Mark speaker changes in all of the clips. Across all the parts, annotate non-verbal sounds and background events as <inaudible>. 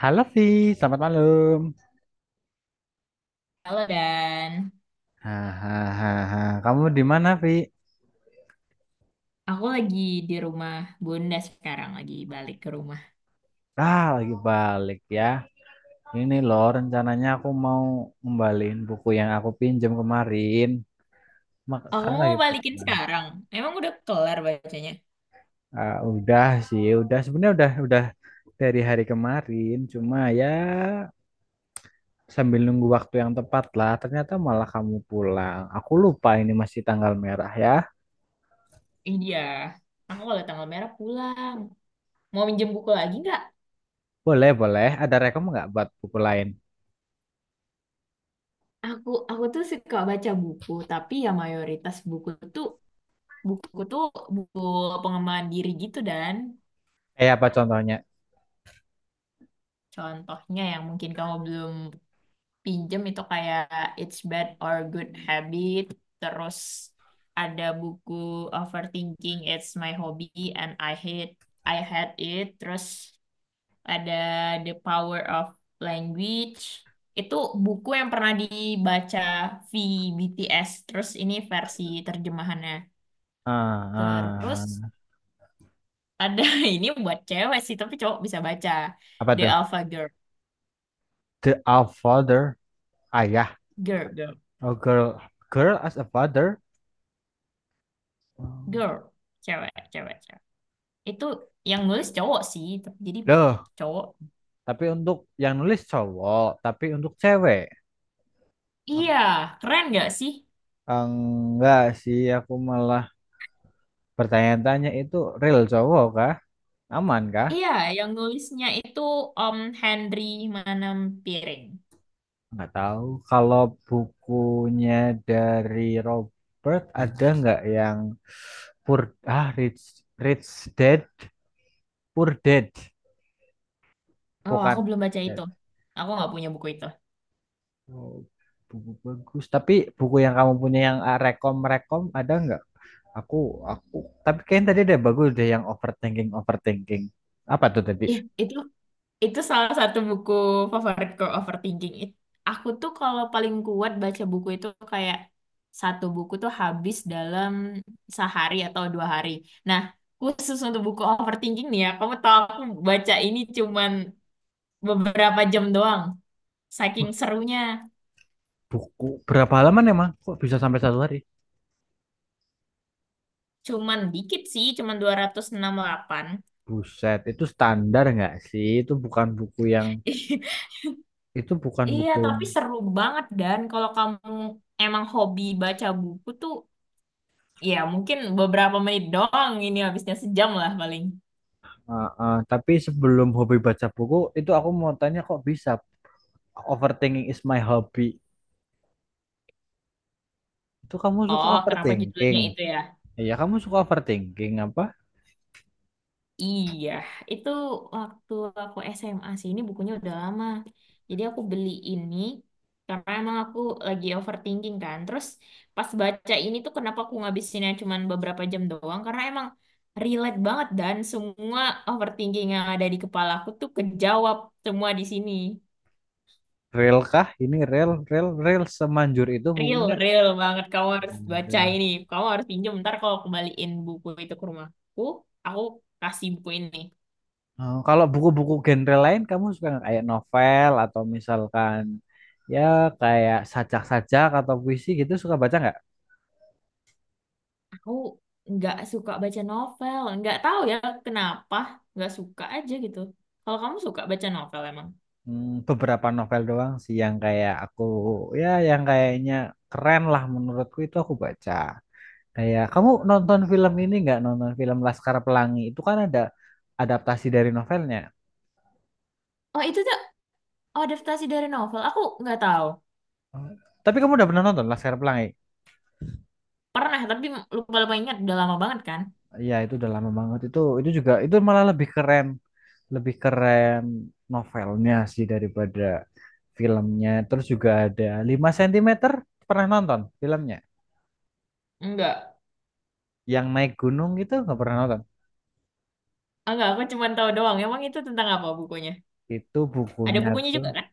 Speaker 1: Halo Vi, selamat malam.
Speaker 2: Halo Dan,
Speaker 1: Hahaha, kamu di mana Vi?
Speaker 2: aku lagi di rumah Bunda sekarang, lagi balik ke rumah.
Speaker 1: Ah, lagi balik ya. Ini loh rencananya aku mau ngembaliin buku yang aku pinjam kemarin. Mak
Speaker 2: Aku
Speaker 1: sekarang
Speaker 2: mau
Speaker 1: lagi
Speaker 2: balikin sekarang, emang udah kelar bacanya?
Speaker 1: udah sih, udah sebenarnya udah dari hari kemarin. Cuma ya sambil nunggu waktu yang tepat lah. Ternyata malah kamu pulang. Aku lupa ini masih tanggal merah ya.
Speaker 2: Iya, aku kalau tanggal merah pulang. Mau minjem buku lagi nggak?
Speaker 1: Boleh boleh. Ada rekom nggak buat buku lain?
Speaker 2: Aku tuh suka baca buku, tapi ya mayoritas tuh buku tuh buku pengembangan diri gitu Dan.
Speaker 1: Eh apa contohnya?
Speaker 2: Contohnya yang mungkin kamu belum pinjem itu kayak It's Bad or Good Habit, terus ada buku Overthinking It's My Hobby and I Hate I Hate It, terus ada The Power of Language. Itu buku yang pernah dibaca V B T s, terus ini versi terjemahannya.
Speaker 1: Ah, ah,
Speaker 2: Terus
Speaker 1: ah.
Speaker 2: ada <laughs> ini buat cewek sih tapi cowok bisa baca,
Speaker 1: Apa
Speaker 2: The
Speaker 1: tuh?
Speaker 2: Alpha Girl
Speaker 1: The a father, ayah.
Speaker 2: Girl Girl
Speaker 1: Oh, girl, girl as a father.
Speaker 2: Girl, cewek cewek. Itu yang nulis cowok sih, tapi jadi
Speaker 1: Loh,
Speaker 2: cowok.
Speaker 1: tapi untuk yang nulis cowok, tapi untuk cewek. Ah,
Speaker 2: Iya, keren gak sih?
Speaker 1: enggak sih, aku malah bertanya-tanya itu real cowok kah? Aman kah?
Speaker 2: Iya, yang nulisnya itu Om Henry Manampiring.
Speaker 1: Enggak tahu. Kalau bukunya dari Robert ada enggak yang Poor ah Rich Rich Dad, Poor Dad,
Speaker 2: Oh, aku
Speaker 1: bukan
Speaker 2: belum baca
Speaker 1: Dad.
Speaker 2: itu. Aku nggak punya buku itu.
Speaker 1: Oh, buku bagus. Tapi buku yang kamu punya yang rekom-rekom ada nggak? Aku, aku. Tapi kayaknya tadi ada bagus deh yang overthinking, overthinking. Apa tuh tadi?
Speaker 2: Ih, itu salah satu buku favoritku, Overthinking. Aku tuh kalau paling kuat baca buku itu kayak satu buku tuh habis dalam sehari atau dua hari. Nah, khusus untuk buku Overthinking nih ya, kamu tahu aku baca ini cuman beberapa jam doang. Saking serunya.
Speaker 1: Buku berapa halaman emang? Kok bisa sampai satu hari?
Speaker 2: Cuman dikit sih, cuman 268. <laughs>
Speaker 1: Buset, itu standar nggak sih? Itu bukan buku yang, itu bukan
Speaker 2: Iya,
Speaker 1: buku yang.
Speaker 2: tapi seru banget. Dan kalau kamu emang hobi baca buku tuh, ya mungkin beberapa menit doang, ini habisnya sejam lah paling.
Speaker 1: Ah. Tapi sebelum hobi baca buku, itu aku mau tanya kok bisa overthinking is my hobby. Itu kamu suka
Speaker 2: Oh, kenapa
Speaker 1: overthinking?
Speaker 2: judulnya itu ya?
Speaker 1: Iya, kamu suka overthinking apa?
Speaker 2: Iya, itu waktu aku SMA sih. Ini bukunya udah lama. Jadi aku beli ini karena emang aku lagi overthinking kan. Terus pas baca ini tuh kenapa aku ngabisinnya cuman beberapa jam doang? Karena emang relate banget, dan semua overthinking yang ada di kepala aku tuh kejawab semua di sini.
Speaker 1: Rel kah? Ini rel, rel, rel semanjur itu
Speaker 2: Real,
Speaker 1: bukunya.
Speaker 2: real banget. Kamu harus baca
Speaker 1: Waduh.
Speaker 2: ini. Kamu harus pinjam ntar, kalau kembaliin buku itu ke rumahku, aku kasih buku ini.
Speaker 1: Oh, kalau buku-buku genre lain kamu suka nggak? Kayak novel atau misalkan ya kayak sajak-sajak atau puisi gitu suka baca nggak?
Speaker 2: Aku nggak suka baca novel. Nggak tahu ya kenapa. Nggak suka aja gitu. Kalau kamu suka baca novel emang?
Speaker 1: Hmm, beberapa novel doang sih yang kayak aku ya yang kayaknya keren lah menurutku itu aku baca. Kayak kamu nonton film ini nggak? Nonton film Laskar Pelangi itu kan ada adaptasi dari novelnya.
Speaker 2: Oh, itu tuh adaptasi dari novel. Aku nggak tahu.
Speaker 1: Oh. Tapi kamu udah pernah nonton Laskar Pelangi?
Speaker 2: Pernah, tapi lupa-lupa ingat. Udah lama banget kan?
Speaker 1: Iya, itu udah lama banget. Itu juga itu malah lebih keren novelnya sih daripada filmnya. Terus juga ada lima sentimeter pernah nonton filmnya.
Speaker 2: Enggak.
Speaker 1: Yang naik gunung itu nggak pernah nonton.
Speaker 2: Enggak, aku cuma tahu doang. Emang itu tentang apa bukunya?
Speaker 1: Itu
Speaker 2: Ada
Speaker 1: bukunya
Speaker 2: bukunya
Speaker 1: tuh
Speaker 2: juga kan?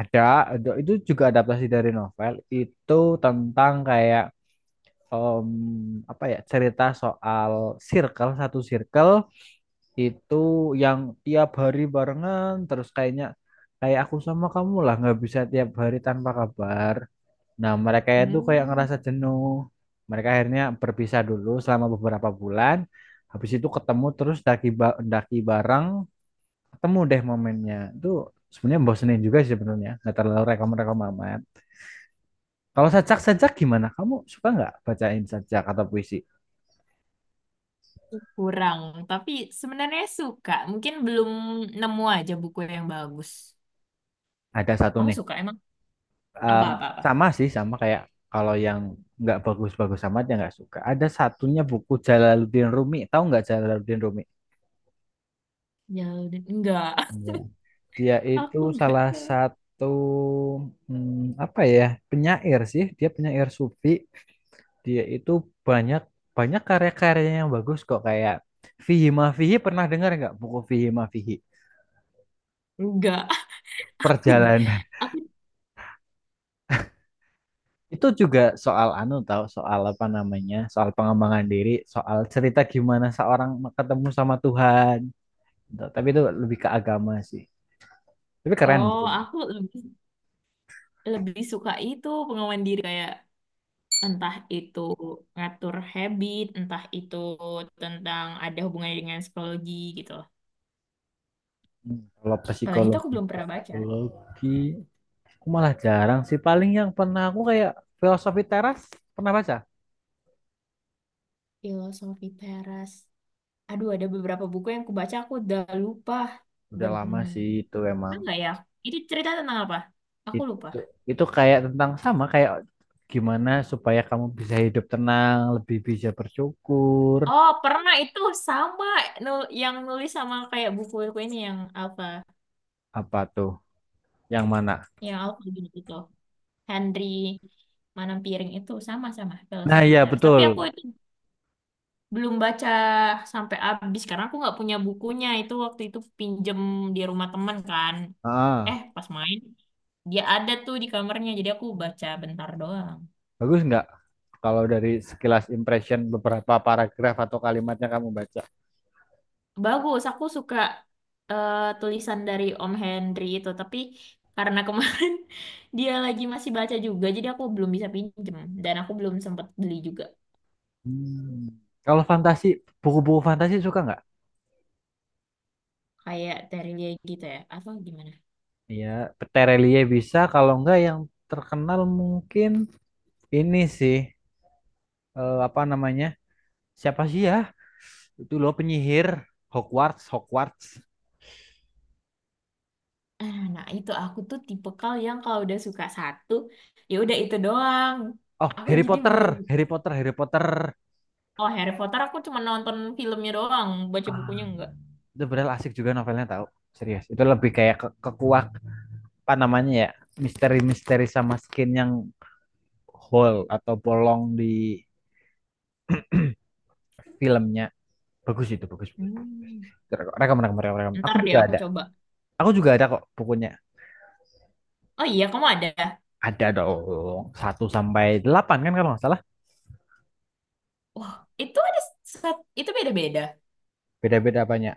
Speaker 1: ada, ada itu juga adaptasi dari novel. Itu tentang kayak em, apa ya cerita soal circle satu circle itu yang tiap hari barengan terus kayaknya kayak aku sama kamu lah nggak bisa tiap hari tanpa kabar. Nah mereka itu kayak
Speaker 2: Hmm,
Speaker 1: ngerasa jenuh. Mereka akhirnya berpisah dulu selama beberapa bulan. Habis itu ketemu terus daki bareng ketemu deh momennya. Itu sebenarnya bosenin juga sih sebenarnya. Nggak terlalu rekom-rekom amat. Kalau sajak-sajak gimana? Kamu suka nggak bacain sajak atau puisi?
Speaker 2: kurang. Tapi sebenarnya suka. Mungkin belum nemu aja buku yang bagus.
Speaker 1: Ada satu
Speaker 2: Kamu
Speaker 1: nih.
Speaker 2: suka emang?
Speaker 1: Um,
Speaker 2: Apa-apa-apa?
Speaker 1: Sama sih, sama kayak kalau yang nggak bagus-bagus amat ya nggak suka. Ada satunya buku Jalaluddin Rumi. Tahu nggak Jalaluddin Rumi?
Speaker 2: Ya udah. Enggak.
Speaker 1: Enggak. Dia
Speaker 2: <laughs>
Speaker 1: itu
Speaker 2: Aku enggak
Speaker 1: salah
Speaker 2: tahu.
Speaker 1: satu apa ya penyair sih. Dia penyair sufi. Dia itu banyak banyak karya-karyanya yang bagus kok kayak Fihi Ma Fihi pernah dengar nggak buku Fihi Ma Fihi?
Speaker 2: Enggak.
Speaker 1: Perjalanan
Speaker 2: <laughs> Aku.
Speaker 1: itu juga soal anu tahu soal apa namanya? Soal pengembangan diri, soal cerita gimana seorang ketemu sama Tuhan. Tuh, tapi itu lebih ke agama sih. Tapi keren
Speaker 2: Oh,
Speaker 1: bukunya.
Speaker 2: aku lebih suka itu pengawalan diri, kayak entah itu ngatur habit, entah itu tentang ada hubungannya dengan psikologi gitu loh.
Speaker 1: Hmm, kalau
Speaker 2: Kalau yang itu aku
Speaker 1: psikologi,
Speaker 2: belum pernah baca.
Speaker 1: psikologi aku malah jarang sih. Paling yang pernah aku kayak filosofi teras pernah baca.
Speaker 2: Filosofi Teras. Aduh, ada beberapa buku yang aku baca aku udah lupa.
Speaker 1: Udah
Speaker 2: Ben,
Speaker 1: lama sih itu emang.
Speaker 2: enggak ya? Itu cerita tentang apa? Aku lupa.
Speaker 1: Itu itu kayak tentang sama kayak gimana supaya kamu bisa hidup tenang, lebih bisa bersyukur,
Speaker 2: Oh, pernah itu sama yang nulis sama kayak buku-buku ini, yang apa?
Speaker 1: apa tuh? Yang mana?
Speaker 2: Yang apa gitu. Henry Manam, itu sama-sama
Speaker 1: Nah,
Speaker 2: Filosofi
Speaker 1: iya
Speaker 2: Teras. Tapi
Speaker 1: betul.
Speaker 2: aku itu belum baca sampai habis karena aku nggak punya bukunya. Itu waktu itu pinjem di rumah teman kan. Eh,
Speaker 1: Ah,
Speaker 2: pas main dia ada tuh di kamarnya. Jadi aku baca bentar doang.
Speaker 1: Bagus nggak kalau dari sekilas impression beberapa paragraf atau kalimatnya kamu baca?
Speaker 2: Bagus, aku suka tulisan dari Om Henry itu. Tapi karena kemarin <laughs> dia lagi masih baca juga, jadi aku belum bisa pinjem, dan aku belum sempat beli juga.
Speaker 1: Hmm. Kalau fantasi, buku-buku fantasi suka nggak?
Speaker 2: Kayak Terelia gitu ya, atau gimana?
Speaker 1: Ya, Terelie bisa. Kalau nggak yang terkenal mungkin ini sih apa namanya? Siapa sih ya? Itu loh penyihir Hogwarts, Hogwarts.
Speaker 2: Nah, nah, itu aku tuh tipikal yang kalau udah suka satu, ya udah itu doang.
Speaker 1: Oh,
Speaker 2: Aku
Speaker 1: Harry
Speaker 2: jadi belum,
Speaker 1: Potter, Harry Potter, Harry Potter.
Speaker 2: oh Harry Potter aku cuma nonton filmnya doang, baca
Speaker 1: Ah,
Speaker 2: bukunya enggak.
Speaker 1: itu benar asik juga novelnya tahu. Serius, itu lebih kayak ke, kekuak apa namanya ya? Misteri-misteri sama skin yang hole atau bolong di filmnya bagus itu bagus bagus, bagus.
Speaker 2: Hmm.
Speaker 1: Rekam rekam rekam rekam
Speaker 2: Ntar deh aku coba.
Speaker 1: aku juga ada kok bukunya
Speaker 2: Oh iya, kamu ada.
Speaker 1: ada dong satu sampai delapan kan kalau nggak salah
Speaker 2: Wah, itu ada itu beda-beda.
Speaker 1: beda beda banyak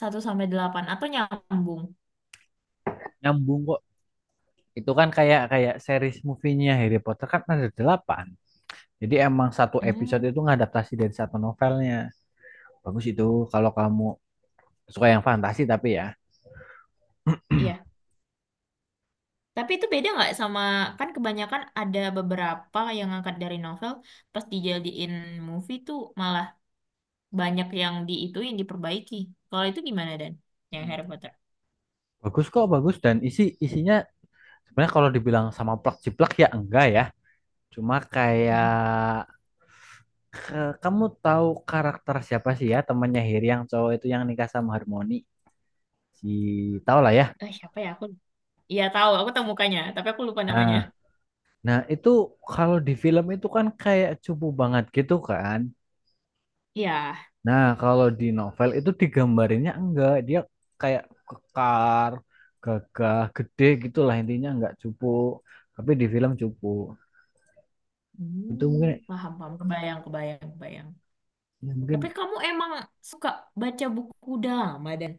Speaker 2: Satu sampai delapan atau nyambung.
Speaker 1: nyambung kok itu kan kayak kayak series movie-nya Harry Potter kan ada delapan jadi emang satu episode
Speaker 2: Hmm.
Speaker 1: itu ngadaptasi dari satu novelnya bagus itu kalau kamu suka yang fantasi tapi ya
Speaker 2: Iya. Tapi itu beda nggak sama, kan kebanyakan ada beberapa yang ngangkat dari novel, pas dijadiin movie tuh malah banyak yang di itu yang diperbaiki. Kalau itu gimana Dan? Yang Harry Potter.
Speaker 1: bagus kok bagus dan isi isinya sebenarnya kalau dibilang sama plak jiplak ya enggak ya cuma kayak
Speaker 2: Hmm.
Speaker 1: Kamu tahu karakter siapa sih ya temannya Heri yang cowok itu yang nikah sama Harmoni? Si tahu lah ya.
Speaker 2: Eh, siapa ya aku? Iya tahu, aku tahu mukanya, tapi aku lupa
Speaker 1: Nah,
Speaker 2: namanya.
Speaker 1: nah itu kalau di film itu kan kayak cupu banget gitu kan.
Speaker 2: Iya.
Speaker 1: Nah, kalau di novel itu digambarinnya enggak, dia kayak kekar, gagah, gede gitulah intinya enggak cupu. Tapi di film cupu. Itu
Speaker 2: Hmm,
Speaker 1: mungkin
Speaker 2: paham, paham. Kebayang, kebayang, kebayang.
Speaker 1: ya mungkin
Speaker 2: Tapi kamu emang suka baca buku drama Dan?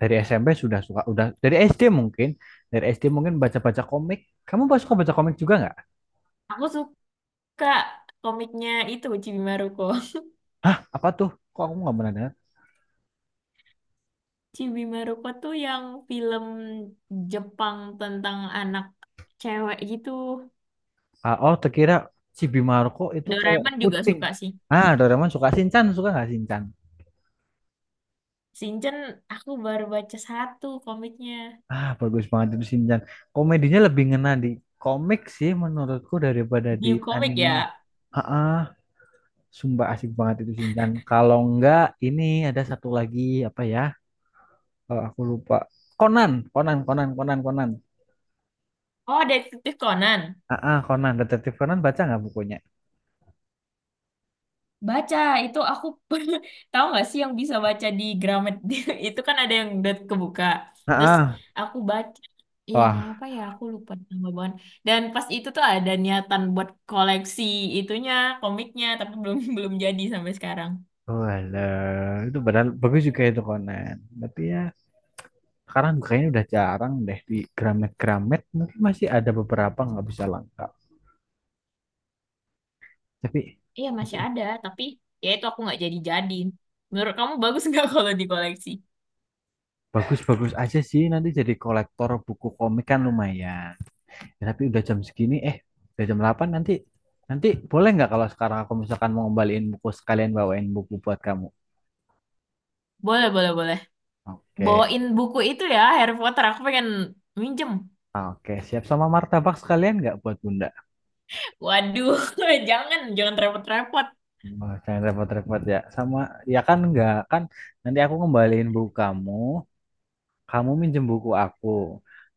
Speaker 1: dari SMP sudah suka udah dari SD mungkin, dari SD mungkin baca-baca komik. Kamu suka baca komik juga nggak?
Speaker 2: Aku suka komiknya itu Chibi Maruko. <laughs>
Speaker 1: Apa tuh kok aku nggak pernah dengar.
Speaker 2: Chibi Maruko tuh yang film Jepang tentang anak cewek gitu.
Speaker 1: Oh terkira si Bimarco itu kayak
Speaker 2: Doraemon juga
Speaker 1: kucing
Speaker 2: suka sih.
Speaker 1: ah Doraemon suka Shinchan suka nggak Shinchan
Speaker 2: Shinchan aku baru baca satu komiknya.
Speaker 1: bagus banget itu Shinchan komedinya lebih ngena di komik sih menurutku daripada di
Speaker 2: New Comic
Speaker 1: anime
Speaker 2: ya?
Speaker 1: ah ah, sumpah asik banget itu Shinchan kalau enggak ini ada satu lagi apa ya kalau aku lupa Conan Conan Conan Conan Conan
Speaker 2: Oh, Detektif Conan.
Speaker 1: Conan Detektif Conan baca nggak bukunya
Speaker 2: Baca, itu aku pernah, <laughs> tahu nggak sih yang bisa baca di Gramet? <laughs> Itu kan ada yang udah kebuka.
Speaker 1: ah
Speaker 2: Terus
Speaker 1: ah.
Speaker 2: aku baca yang
Speaker 1: Wah,
Speaker 2: apa ya, aku lupa nama bahan. Dan pas itu tuh ada niatan buat koleksi itunya, komiknya, tapi belum <laughs> belum jadi sampai sekarang.
Speaker 1: walah, itu padahal bagus juga itu Conan. Tapi ya sekarang kayaknya udah jarang deh di Gramet-Gramet. Mungkin masih ada beberapa nggak bisa lengkap. Tapi
Speaker 2: Iya,
Speaker 1: tapi
Speaker 2: masih ada, tapi ya itu aku nggak jadi-jadi. Menurut kamu bagus nggak <laughs> kalau dikoleksi?
Speaker 1: bagus-bagus aja sih. Nanti jadi kolektor buku komik kan lumayan. Ya, tapi udah jam segini, udah jam 8 nanti. Nanti boleh nggak kalau sekarang aku misalkan mau ngembaliin buku sekalian bawain buku buat kamu?
Speaker 2: Boleh, boleh, boleh.
Speaker 1: Oke.
Speaker 2: Bawain buku itu ya, Harry Potter. Aku pengen minjem.
Speaker 1: Oke, siap sama martabak sekalian nggak buat Bunda?
Speaker 2: Waduh, <laughs> jangan, jangan repot-repot.
Speaker 1: Oh, jangan repot-repot ya. Sama, ya kan nggak kan nanti aku ngembaliin buku kamu, kamu minjem buku aku.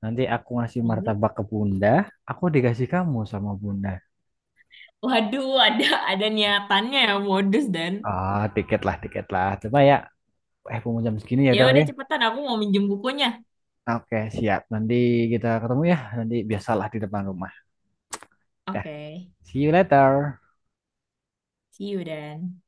Speaker 1: Nanti aku ngasih
Speaker 2: Hmm.
Speaker 1: martabak ke Bunda. Aku dikasih kamu sama Bunda.
Speaker 2: Waduh, ada niatannya ya, modus Dan.
Speaker 1: Ah, tiket lah, tiket lah. Coba ya, mau jam segini ya
Speaker 2: Ya
Speaker 1: udah lah
Speaker 2: udah
Speaker 1: ya.
Speaker 2: cepetan, aku mau minjem bukunya.
Speaker 1: Oke, siap. Nanti kita ketemu ya. Nanti biasalah di depan rumah. Dah,
Speaker 2: Oke,
Speaker 1: see you later.
Speaker 2: see you Dan.